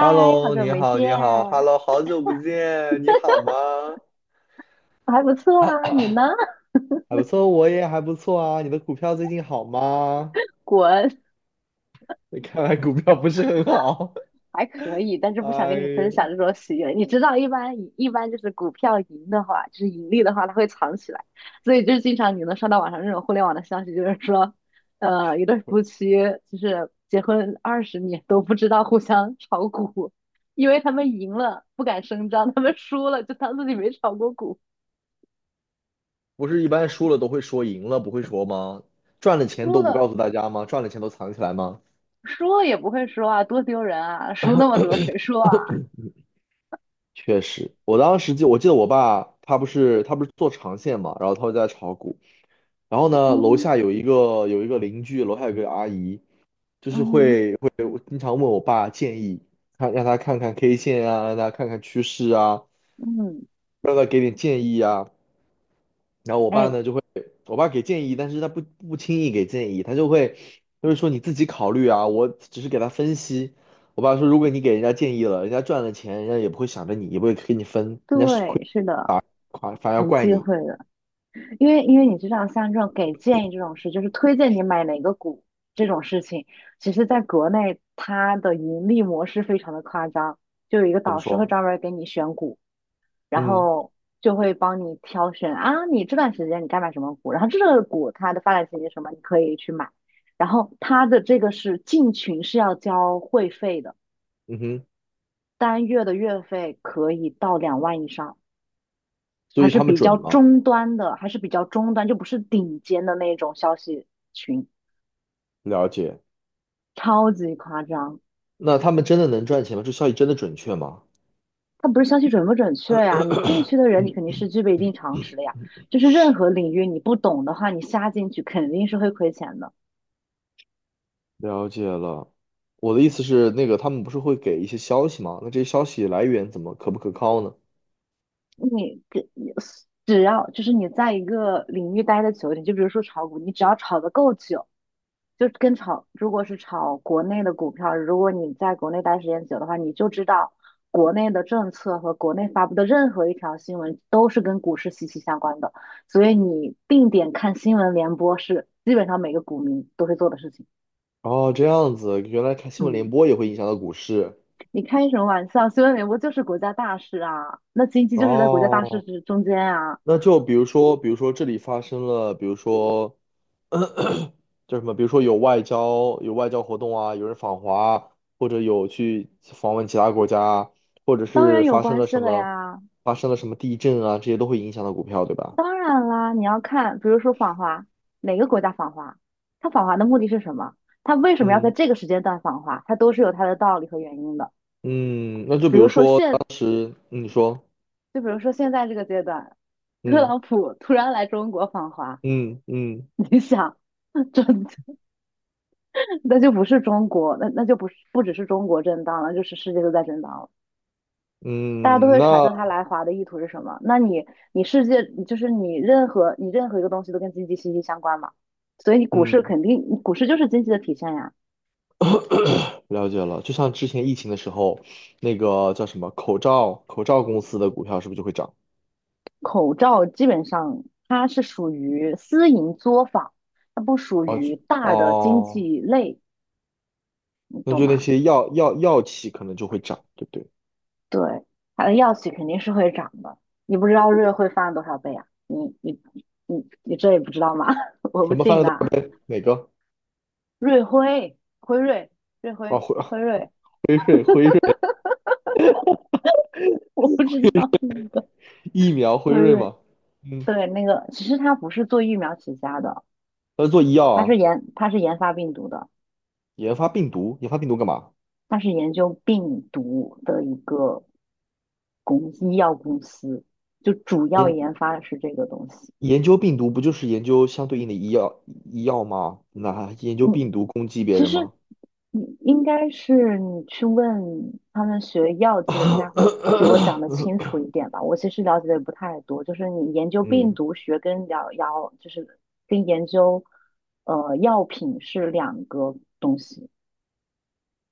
h e l l 好 o 久你没好，见，你好，Hello，好久不见，你好吗？我还不错 啊，你呢？还不错，我也还不错啊。你的股票最近好吗？滚，你看来股票不是很好。还可以，但是不想哎跟你分享呀，这种喜悦。你知道，一般就是股票赢的话，就是盈利的话，它会藏起来，所以就是经常你能刷到网上这种互联网的消息，就是说，一对夫妻就是结婚20年都不知道互相炒股，因为他们赢了不敢声张，他们输了就当自己没炒过股，不是一般输了都会说赢了不会说吗？赚了钱输都不了告诉大家吗？赚了钱都藏起来吗？输了也不会说啊，多丢人啊，输那么多谁说啊？确实，我当时就我记得我爸他不是做长线嘛，然后他会在炒股，然后呢，楼嗯。下有一个邻居，楼下有个阿姨。就是嗯会会经常问我爸建议，看让他看看 K 线啊，让他看看趋势啊，嗯，让他给点建议啊。然后我爸哎，呢就会，我爸给建议，但是他不轻易给建议，他就会说你自己考虑啊，我只是给他分析。我爸说，如果你给人家建议了，人家赚了钱，人家也不会想着你，也不会给你分，人家是亏，对，是的，反而要很怪忌你。讳的，因为你知道，像这种给建议这种事，就是推荐你买哪个股这种事情，其实在国内它的盈利模式非常的夸张，就有一个怎么导师会说？专门儿给你选股，然嗯，后就会帮你挑选啊，你这段时间你该买什么股，然后这个股它的发展前景是什么，你可以去买，然后它的这个是进群是要交会费的，嗯哼，单月的月费可以到2万以上。所还以是他们比较准吗？中端的，还是比较中端，就不是顶尖的那种消息群，了解。超级夸张。那他们真的能赚钱吗？这消息真的准确吗？它不是消息准不准确呀、你进去的人，你肯 定 是具备一定常识的呀。就是任何领域你不懂的话，你瞎进去肯定是会亏钱的。了解了。我的意思是，那个他们不是会给一些消息吗？那这些消息来源怎么可不可靠呢？你跟你只要就是你在一个领域待的久一点，就比如说炒股，你只要炒得够久，就跟炒，如果是炒国内的股票，如果你在国内待时间久的话，你就知道国内的政策和国内发布的任何一条新闻都是跟股市息息相关的，所以你定点看新闻联播是基本上每个股民都会做的事情。哦，这样子，原来看新闻联嗯，播也会影响到股市。你开什么玩笑？新闻联播就是国家大事啊，那经济就是在国家大事哦，之中间啊，那就比如说，比如说这里发生了，比如说叫什么，比如说有外交活动啊，有人访华啊，或者有去访问其他国家啊，或者当然是有发生关了系什了么，呀。地震啊，这些都会影响到股票，对吧？当然啦，你要看，比如说访华，哪个国家访华，它访华的目的是什么？它为什么要在嗯，这个时间段访华？它都是有它的道理和原因的。嗯，那就比比如如说说当现，时，嗯，你说。就比如说现在这个阶段，特嗯。朗普突然来中国访华，嗯，嗯，你想，这那就不是中国，那就不只是中国震荡了，就是世界都在震荡了。大家都嗯，会揣那测他来华的意图是什么。那你你世界就是你任何一个东西都跟经济息息相关嘛，所以股市嗯，肯定股市就是经济的体现呀。了解了。就像之前疫情的时候，那个叫什么口罩公司的股票是不是就会涨？口罩基本上它是属于私营作坊，它不属于大的经哦，济类，你那懂就那吗？些药企可能就会涨，对不对？对，它的药企肯定是会涨的。你不知道瑞会翻多少倍啊？你这也不知道吗？我不什么翻信了都，的。哪个？瑞辉、辉瑞、瑞哦，辉、辉辉瑞，辉瑞辉瑞 我不知道那个疫苗辉辉瑞瑞，吗？嗯，对，那个其实它不是做疫苗起家的，他是做医药它是啊，研它是研发病毒的，研发病毒，研发病毒干嘛？它是研究病毒的一个医药公司，就主要研，研发的是这个东西。研究病毒不就是研究相对应的医药吗？那还研究嗯，病毒攻击别其人实吗？你应该是你去问他们学药剂 的，应该会比我讲的清楚一点吧。我其实了解的也不太多，就是你研究病嗯。毒学跟疗药，就是跟研究药品是两个东西。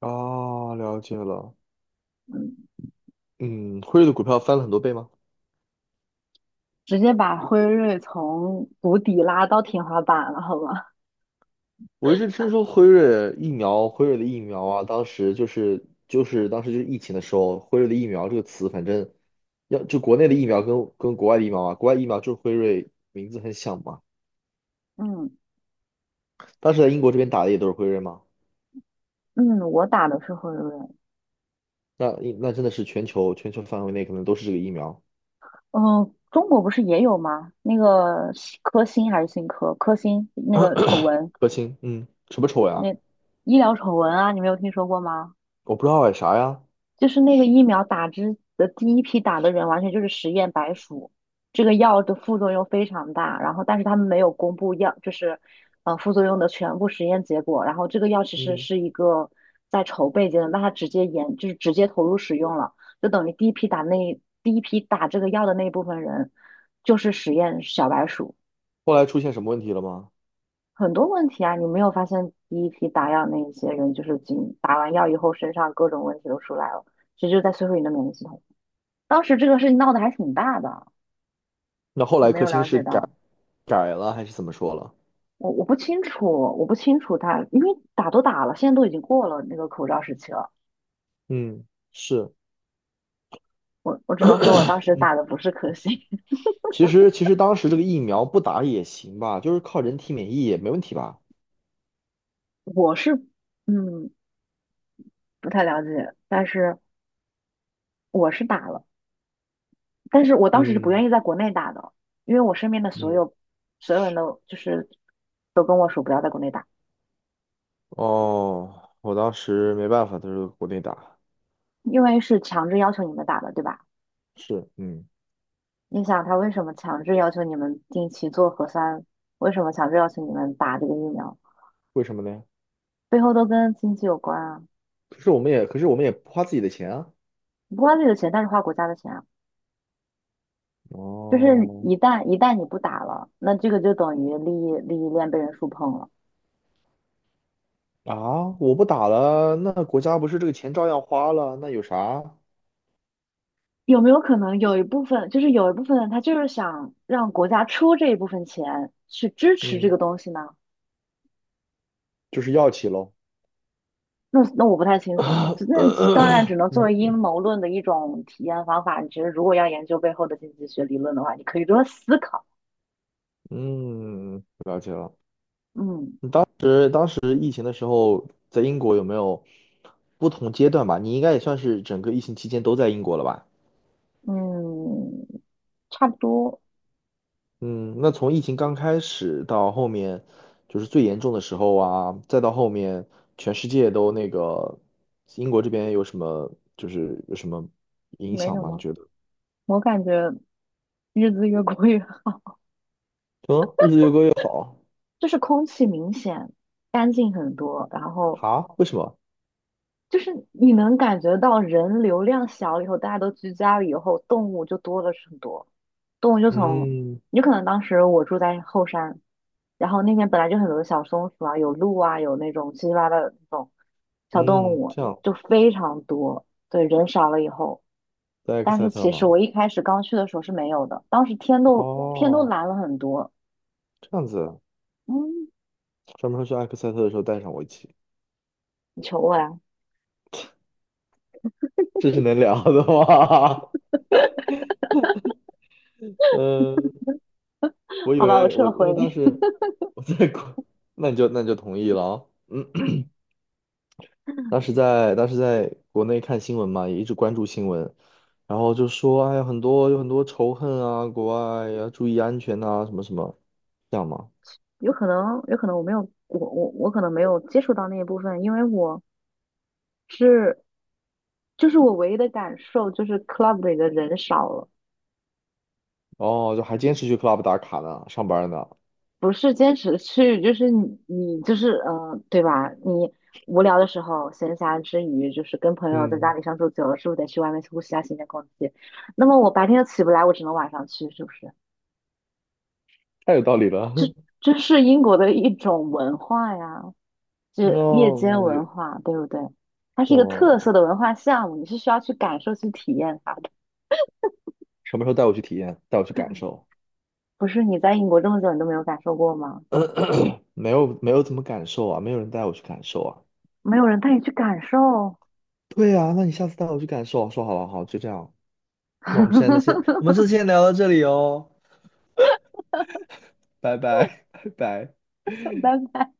哦，了解了。嗯，嗯，辉瑞的股票翻了很多倍吗？直接把辉瑞从谷底拉到天花板了，好吧？我一直听说辉瑞疫苗，辉瑞的疫苗啊，当时就是疫情的时候，辉瑞的疫苗这个词，反正要就国内的疫苗跟国外的疫苗啊，国外疫苗就是辉瑞名字很像嘛。嗯当时在英国这边打的也都是辉瑞嘛，嗯，我打的是辉瑞。那，那真的是全球范围内可能都是这个疫苗。嗯、中国不是也有吗？那个新科兴还是新科科兴那个丑闻。科兴，嗯，什么丑那呀？医疗丑闻啊，你没有听说过吗？我不知道哎，啥呀？就是那个疫苗打之的第一批打的人，完全就是实验白鼠。这个药的副作用非常大，然后但是他们没有公布药，就是副作用的全部实验结果。然后这个药其实嗯，是一个在筹备阶段，那他直接研就是直接投入使用了，就等于第一批打这个药的那一部分人就是实验小白鼠。后来出现什么问题了吗？很多问题啊，你没有发现第一批打药那一些人，就是仅打完药以后身上各种问题都出来了，其实就在摧毁你的免疫系统。当时这个事情闹得还挺大的，那后你来没科有兴了是解改，到？改了还是怎么说了？我不清楚，我不清楚他，因为打都打了，现在都已经过了那个口罩时期了。嗯，是，我只能说我当时打的不是科兴，其实当时这个疫苗不打也行吧，就是靠人体免疫也没问题吧？我是嗯不太了解，但是我是打了，但是我当时是不嗯，愿意在国内打的，因为我身边的所嗯，有所有人都就是都跟我说不要在国内打。哦，我当时没办法，都是国内打，因为是强制要求你们打的，对吧？是，嗯，你想他为什么强制要求你们定期做核酸？为什么强制要求你们打这个疫苗？为什么呢？背后都跟经济有关啊，可是我们也，可是我们也不花自己的钱啊。不花自己的钱，但是花国家的钱啊。就是哦，一旦你不打了，那这个就等于利益链被人触碰了。啊，我不打了，那国家不是这个钱照样花了，那有啥？有没有可能有一部分，就是有一部分人他就是想让国家出这一部分钱去支持这嗯，个东西呢？就是药企喽。那我不太清楚啊，当然 只能作为阴谋论的一种体验方法。你觉得如果要研究背后的经济学理论的话，你可以多思考。嗯，了解了。嗯是当时疫情的时候，在英国有没有不同阶段吧？你应该也算是整个疫情期间都在英国了吧？嗯，差不多，嗯，那从疫情刚开始到后面，就是最严重的时候啊，再到后面全世界都那个，英国这边有什么，就是有什么影没响什吗？你么。觉得？我感觉日子越过越，嗯，日子越过越好。 就是空气明显干净很多，然后啊？为什么？就是你能感觉到人流量小了以后，大家都居家了以后，动物就多了很多。动物就从，嗯，有可能当时我住在后山，然后那边本来就很多小松鼠啊，有鹿啊，有那种七七八八的那种小动嗯，物，这样，就非常多。对，人少了以后，在埃克但塞是特其实吗？我一开始刚去的时候是没有的，当时天都哦，蓝了很多。这样子啊，嗯，专门说去埃克塞特的时候带上我一起。你求我呀？这是能聊的吗？嗯，我以好吧，我为我撤回。因为当时 我在国，那你就，那你就同意了啊。嗯，当时在国内看新闻嘛，也一直关注新闻，然后就说哎呀有很多仇恨啊，国外要注意安全呐、什么什么，这样嘛。有可能，有可能我没有，我可能没有接触到那一部分，因为我是就是我唯一的感受就是 club 里的人少了。哦，就还坚持去 club 打卡呢，上班呢。不是坚持的去，就是你就是对吧？你无聊的时候，闲暇之余，就是跟朋友在家嗯，里相处久了，是不是得去外面呼吸下新鲜空气？那么我白天又起不来，我只能晚上去，是不是？太有道理了。这是英国的一种文化呀，就夜哦，间嗯文也化，对不对？它懂是一个特色了。的文化项目，你是需要去感受、去体验它的。什么时候带我去体验，带我去感受？不是你在英国这么久，你都没有感受过吗？没有怎么感受啊，没有人带我去感受啊。没有人带你去感受。对啊，那你下次带我去感受，说好了，好，就这样。那我们现在先，我们就 先聊到这里哦，拜拜，拜拜。拜拜。